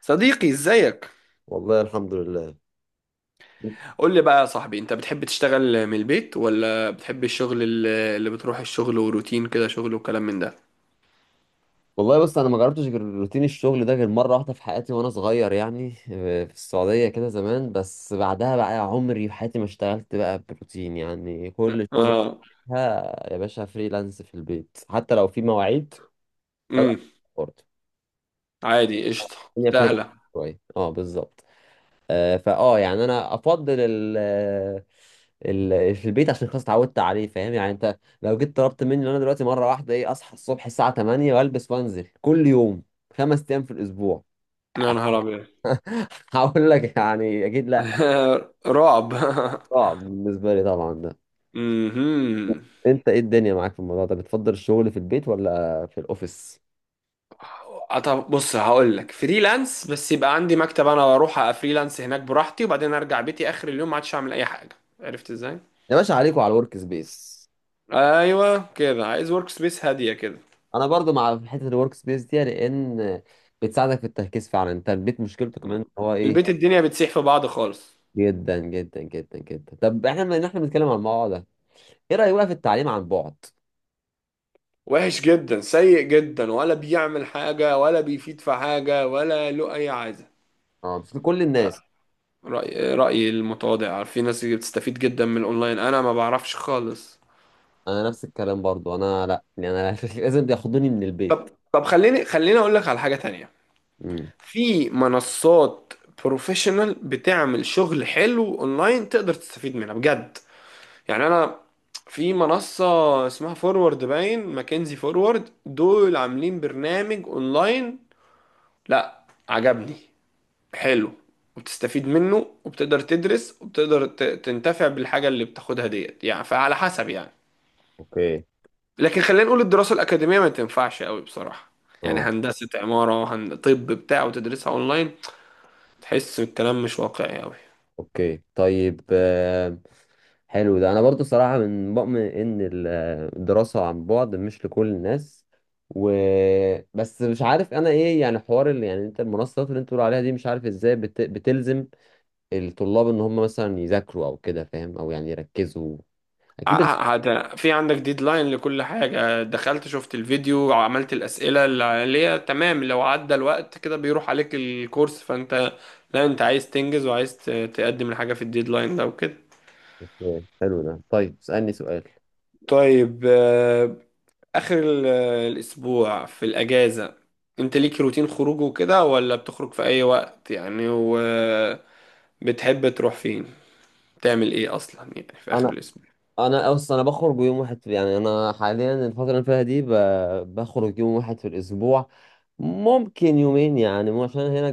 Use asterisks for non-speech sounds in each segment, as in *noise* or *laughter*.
صديقي ازيك؟ والله الحمد لله. قول لي بقى يا صاحبي، انت بتحب تشتغل من البيت ولا بتحب الشغل اللي بتروح الشغل وروتين كده شغل وكلام من ده؟ والله بص انا ما جربتش غير روتين الشغل ده غير مره واحده في حياتي وانا صغير يعني في السعوديه كده زمان. بس بعدها بقى عمري في حياتي ما اشتغلت بقى بروتين، يعني كل شغلي اه. فيها يا باشا فريلانس في البيت حتى لو في مواعيد ببقى امم. برضه. عادي قشطه. الدنيا فليكسبل سهله. شويه، اه بالظبط. آه، فاه يعني انا افضل ال في البيت عشان خلاص اتعودت عليه، فاهم؟ يعني انت لو جيت طلبت مني إن انا دلوقتي مره واحده اصحى الصبح الساعه 8 والبس وانزل كل يوم 5 ايام في الاسبوع. يا نهار ابيض! *laughs* هقول لك يعني اكيد لا، *laughs* رعب. صعب بالنسبه لي طبعا ده. *laughs* امم. انت ايه الدنيا معاك في الموضوع ده؟ بتفضل الشغل في البيت ولا في الاوفيس؟ طب بص هقول لك، فريلانس، بس يبقى عندي مكتب انا واروح افريلانس هناك براحتي وبعدين ارجع بيتي اخر اليوم ما عادش اعمل اي حاجه، عرفت ازاي؟ يا باشا عليكوا على الورك سبيس. ايوه كده، عايز ورك سبيس هاديه كده. انا برضو مع حته الورك سبيس دي، لان بتساعدك في التركيز فعلا. انت البيت مشكلته كمان ان هو ايه، البيت الدنيا بتسيح في بعض خالص. جدا جدا جدا جدا. طب احنا بما ان احنا بنتكلم عن الموضوع ده، ايه رايك بقى في التعليم عن بعد؟ وحش جدا، سيء جدا، ولا بيعمل حاجة ولا بيفيد في حاجة ولا له أي عايزة. اه مش لكل الناس. رأيي المتواضع، في ناس بتستفيد جدا من الأونلاين، أنا ما بعرفش خالص. انا نفس الكلام برضو، انا لا، يعني انا *laughs* لازم ياخدوني من البيت. طب خليني أقول لك على حاجة تانية. امم. في منصات بروفيشنال بتعمل شغل حلو أونلاين، تقدر تستفيد منها بجد. يعني أنا في منصة اسمها فورورد، باين ماكنزي فورورد دول عاملين برنامج أونلاين، لا عجبني، حلو، وبتستفيد منه وبتقدر تدرس وبتقدر تنتفع بالحاجة اللي بتاخدها ديت، يعني فعلى حسب يعني. اوكي، لكن خلينا نقول الدراسة الأكاديمية ما تنفعش قوي بصراحة. يعني اه، هندسة عمارة طب بتاع وتدرسها أونلاين، تحس الكلام مش واقعي قوي. اوكي، طيب. حلو ده، انا برضو صراحه من مؤمن ان الدراسه عن بعد مش لكل الناس. و بس مش عارف انا ايه يعني حوار اللي يعني انت المنصات اللي انت بتقول عليها دي، مش عارف ازاي بتلزم الطلاب ان هم مثلا يذاكروا او كده، فاهم؟ او يعني يركزوا، اكيد هذا في عندك ديدلاين لكل حاجة، دخلت شفت الفيديو عملت الأسئلة اللي عليها تمام، لو عدى الوقت كده بيروح عليك الكورس، فأنت لا، أنت عايز تنجز وعايز تقدم الحاجة في الديدلاين ده وكده. اوكي. حلو ده. طيب اسألني سؤال. طيب آخر الأسبوع في الأجازة، أنت ليك روتين خروج وكده ولا بتخرج في أي وقت يعني؟ وبتحب تروح فين؟ تعمل إيه أصلا يعني في آخر انا الأسبوع؟ انا اصلا انا بخرج يوم واحد يعني انا حاليا الفتره اللي أنا فيها دي بخرج يوم واحد في الاسبوع، ممكن يومين، يعني مو عشان هنا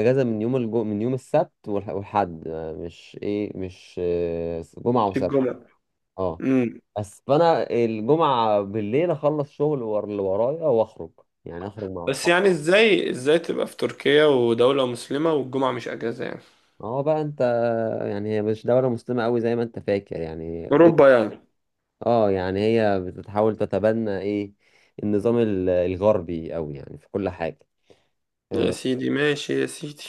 اجازه من يوم السبت والحد. مش جمعه في وسبت. الجمعة. اه، امم. بس فانا الجمعه بالليل اخلص شغل اللي ورايا واخرج، يعني اخرج مع بس اصحابي. يعني، إزاي تبقى في تركيا ودولة مسلمة والجمعة مش أجازة يعني؟ اه، بقى انت، يعني هي مش دوله مسلمه قوي زي ما انت فاكر يعني. أوروبا يعني. اه، يعني هي بتحاول تتبنى النظام الغربي قوي يعني في كل حاجة. يا سيدي ماشي يا سيدي.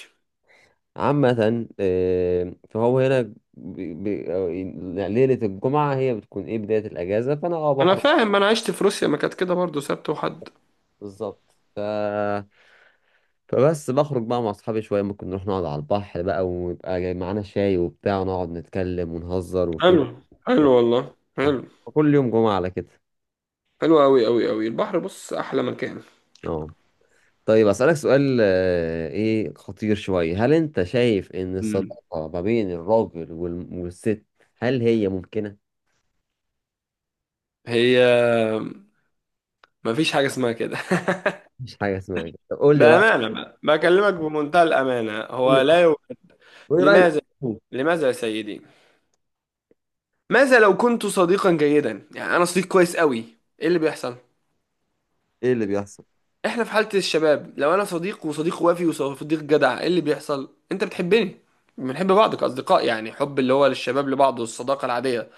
عامة، فهو هنا بي- بي- ليلة الجمعة هي بتكون بداية الأجازة، فأنا أنا بخرج، فاهم، أنا عشت في روسيا ما كانت كده برضه، سبت وحد. بالظبط. فبس بخرج بقى مع أصحابي شوية، ممكن نروح نقعد على البحر بقى، ويبقى جاي معانا شاي وبتاع، ونقعد نتكلم ونهزر حلو وكده. حلو والله آه. حلو. كل يوم جمعة على كده. حلو أوي أوي أوي، البحر بص أحلى مكان. اه طيب أسألك سؤال إيه، خطير شوية. هل أنت شايف إن امم. الصداقة ما بين الراجل والست، هل هي ممكنة؟ هي مفيش حاجة اسمها كده. *laughs* مش حاجة اسمها كده؟ طب قول لي رأيك، بأمانة بقى، بكلمك بمنتهى الأمانة، قول لي هو لا رأيك، يوجد. قول لي رأيك. لماذا؟ لماذا يا سيدي؟ ماذا لو كنت صديقا جيدا؟ يعني أنا صديق كويس قوي، إيه اللي بيحصل؟ إيه اللي بيحصل؟ إحنا في حالة الشباب، لو أنا صديق وصديق وافي وصديق جدع، إيه اللي بيحصل؟ أنت بتحبني، بنحب بعض كأصدقاء، يعني حب اللي هو للشباب لبعض والصداقة العادية.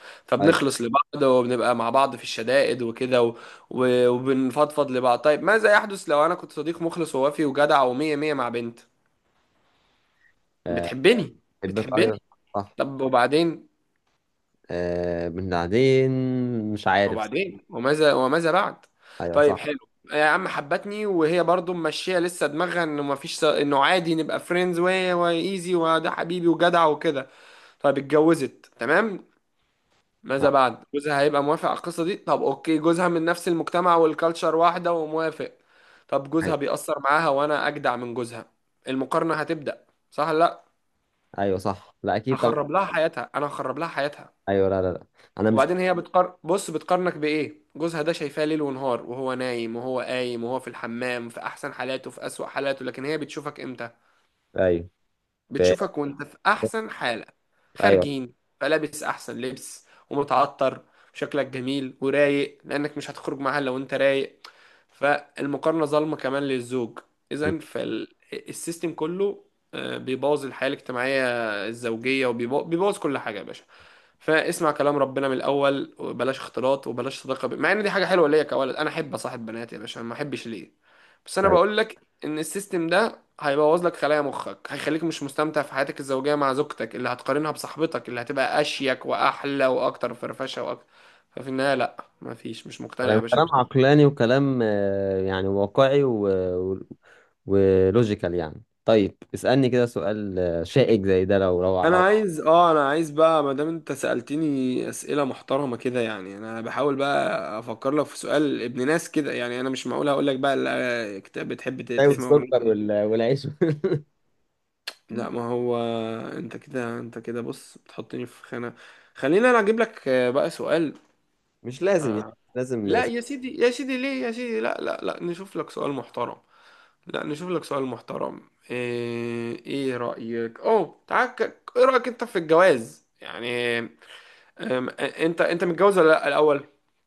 أيوة. فبنخلص لبعض وبنبقى مع بعض في الشدائد وكده وبنفضفض لبعض. طيب ماذا يحدث لو أنا كنت صديق مخلص ووافي وجدع ومية مية مع بنت آه، بتحبني؟ بحبك، بتحبني. أيوة. صح. طب وبعدين؟ بعدين مش عارف. وبعدين؟ وماذا، وماذا بعد؟ أيوة طيب، صح. حلو. يا عم حبتني، وهي برضو ماشيه لسه دماغها انه ما فيش، انه عادي نبقى فريندز وايزي وده حبيبي وجدع وكده. طيب اتجوزت، تمام. آه، ماذا بعد؟ جوزها هيبقى موافق على القصه دي؟ طب اوكي، جوزها من نفس المجتمع والكالتشر واحده وموافق. طب أيوة. جوزها بيأثر معاها، وانا اجدع من جوزها، المقارنه هتبدأ صح لا؟ أيوة صح، لا أكيد طبعا. هخرب لها حياتها، انا هخرب لها حياتها. أيوة، لا لا لا، أنا مش، وبعدين هي بتقار، بص بتقارنك بإيه؟ جوزها ده شايفاه ليل ونهار، وهو نايم وهو قايم وهو في الحمام، في أحسن حالاته في أسوأ حالاته، لكن هي بتشوفك إمتى؟ أيوة. ف- بتشوفك وانت في احسن حالة، أيوة، خارجين، فلابس احسن لبس ومتعطر وشكلك جميل ورايق، لانك مش هتخرج معاها لو انت رايق، فالمقارنة ظالمة كمان للزوج. اذا فالسيستم كله بيبوظ الحياة الاجتماعية الزوجية، وبيبوظ كل حاجة يا باشا. فاسمع كلام ربنا من الاول، وبلاش اختلاط وبلاش مع ان دي حاجه حلوه ليا كولد، انا احب اصاحب بنات يا باشا، ما احبش ليه؟ بس انا أيوة. بقول لك ان السيستم ده هيبوظ لك خلايا مخك، هيخليك مش مستمتع في حياتك الزوجية مع زوجتك اللي هتقارنها بصاحبتك اللي هتبقى أشيك وأحلى وأكتر فرفشة وأكتر. ففي النهاية لأ، مفيش، مش مقتنع يا كلام باشا. كلام عقلاني، وكلام يعني واقعي و... ولوجيكال يعني. طيب اسألني كده سؤال شائك زي ده، لو انا عايز اه انا عايز بقى، ما دام انت سألتني اسئله محترمه كده، يعني انا بحاول بقى افكر لك في سؤال ابن ناس كده، يعني انا مش معقول اقول لك بقى، لا، كتاب بتحب طيب تسمع اغنيه السكر إيه. والعيش *laughs* لا ما هو، انت كده بص، بتحطني في خانه. خلينا انا اجيب لك بقى سؤال. مش لازم يعني، لازم. لا يا سيدي، يا سيدي ليه يا سيدي، لا، نشوف لك سؤال محترم. لا نشوف لك سؤال محترم، إيه رأيك؟ اوه تعال، ايه رأيك انت في الجواز يعني؟ انت متجوز ولا لا الاول؟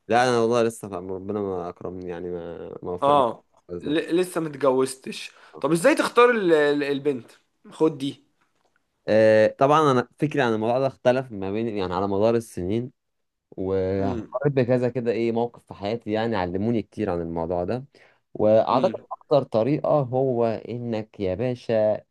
لا انا والله لسه فاهم، ربنا ما اكرمني يعني ما وفقني في اه. الجواز ده. لسه متجوزتش. طب ازاي تختار البنت؟ خد دي. طبعا انا فكري عن الموضوع ده اختلف ما بين، يعني على مدار السنين، مم. وهقرب بكذا كده موقف في حياتي يعني علموني كتير عن الموضوع ده. واعتقد مم. اكتر طريقة هو انك يا باشا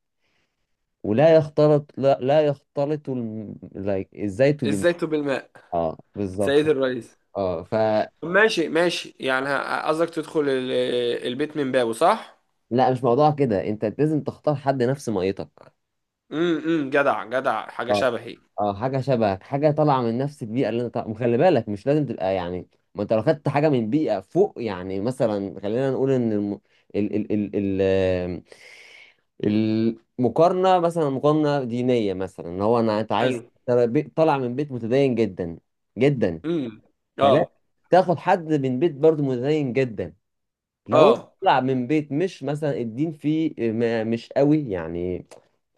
ولا يختلط، لا، لا يختلط الم... لا- الزيت بالمعجون. ازاي تب الماء، اه بالظبط. سيد الرئيس. اه ف ماشي ماشي، يعني قصدك تدخل البيت من بابه، صح؟ لا مش موضوع كده، انت لازم تختار حد نفس ميتك. امم. جدع حاجة اه، شبهي. اه، حاجه شبهك، حاجه طالعه من نفس البيئه اللي انت طالع، وخلي بالك مش لازم تبقى يعني، ما انت لو خدت حاجه من بيئه فوق، يعني مثلا خلينا نقول ان ال... ال... ال... المقارنه، مثلا مقارنه دينيه، مثلا ان هو انت حلو. عايز ترى طالع من بيت متدين جدا جدا، امم. اه فلا تاخد حد من بيت برضه متدين جدا. لو انت اه طالع من بيت مش مثلا الدين فيه مش قوي يعني،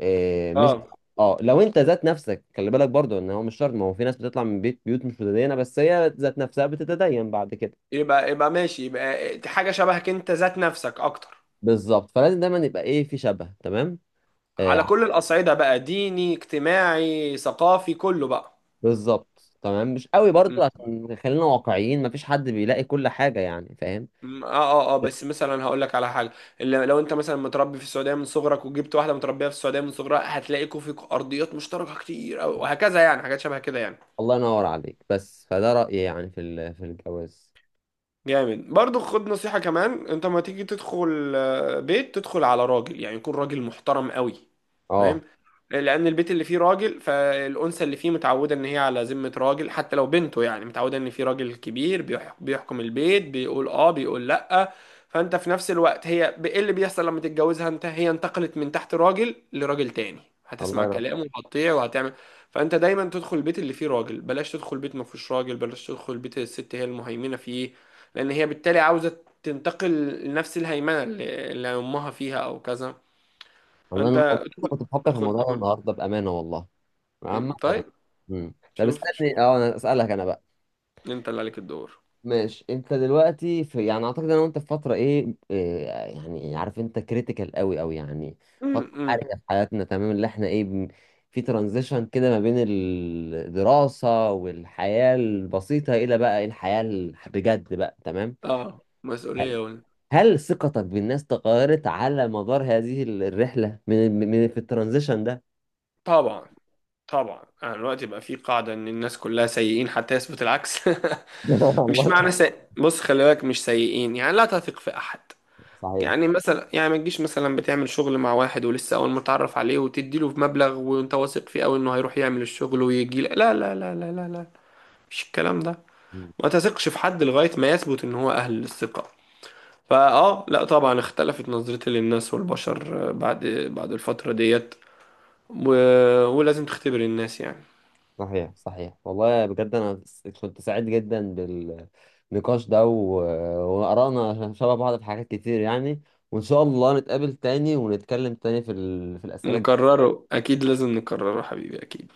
آه، مش اه. اه لو انت ذات نفسك، خلي بالك برضو ان هو مش شرط، ما هو في ناس بتطلع من بيوت مش متدينه، بس هي ذات نفسها بتتدين بعد كده. يبقى ماشي، يبقى حاجة شبهك انت ذات نفسك اكتر. بالظبط، فلازم دايما يبقى في شبه تمام، آه على كل الأصعدة بقى، ديني اجتماعي ثقافي كله بقى. بالظبط. تمام، مش قوي برضو، م- عشان خلينا واقعيين، مفيش حد بيلاقي كل حاجه، يعني فاهم؟ اه اه اه، بس مثلا هقول لك على حاجة، اللي لو انت مثلا متربي في السعودية من صغرك، وجبت واحدة متربية في السعودية من صغرها، هتلاقيكوا فيكوا أرضيات مشتركة كتير أوي، وهكذا يعني، حاجات شبه كده يعني. الله ينور عليك. بس فده رأيي يعني في الجواز. جامد. برضو خد نصيحة كمان، انت ما تيجي تدخل بيت، تدخل على راجل، يعني يكون راجل محترم قوي، اه فاهم؟ لان البيت اللي فيه راجل، فالانثى اللي فيه متعودة ان هي على ذمة راجل حتى لو بنته، يعني متعودة ان في راجل كبير بيحكم البيت، بيقول اه بيقول لا. فانت في نفس الوقت، هي ايه اللي بيحصل لما تتجوزها انت؟ هي انتقلت من تحت راجل لراجل تاني، الله هتسمع ينور، كلامه وهتطيع وهتعمل. فانت دايما تدخل البيت اللي فيه راجل، بلاش تدخل بيت ما فيهوش راجل، بلاش تدخل بيت الست هي المهيمنة فيه، لان هي بالتالي عاوزه تنتقل لنفس الهيمنه اللي امها فيها او كذا. الله ينور. فانت كنت بفكر في الموضوع تدخل. ده النهارده بأمانة والله، عامة يعني. طيب. مم. طب شوف شوف، اسألني، انا اسألك انا بقى. انت اللي عليك الدور. ماشي، انت دلوقتي في، يعني اعتقد انا وانت في فترة ايه, إيه يعني، عارف، انت كريتيكال قوي قوي يعني، فترة امم. حرجة في حياتنا، تمام؟ اللي احنا في ترانزيشن كده ما بين الدراسة والحياة البسيطة الى بقى الحياة بجد بقى، تمام؟ اه، هل مسؤوليه ولا. هل ثقتك بالناس تغيرت على مدار هذه الرحلة، من في الترانزيشن ده؟ طبعا. طبعا، انا دلوقتي بقى في قاعده ان الناس كلها سيئين حتى يثبت العكس. *laughs* *laughs* مش والله معنى سي... بص خلي بالك، مش سيئين يعني، لا تثق في احد. صحيح، يعني مثلا، يعني ما تجيش مثلا بتعمل شغل مع واحد ولسه اول ما تعرف عليه وتدي له مبلغ وانت واثق فيه قوي انه هيروح يعمل الشغل ويجي لك. لا، مش الكلام ده. ما تثقش في حد لغاية ما يثبت ان هو اهل للثقة. فاه لا طبعا اختلفت نظرتي للناس والبشر بعد الفترة ديت و... ولازم تختبر الناس يعني. صحيح، صحيح. والله بجد انا كنت سعيد جدا بالنقاش ده، وآرائنا شبه بعض في حاجات كتير يعني، وان شاء الله نتقابل تاني ونتكلم تاني في الأسئلة. نكرره، اكيد لازم نكرره حبيبي، اكيد.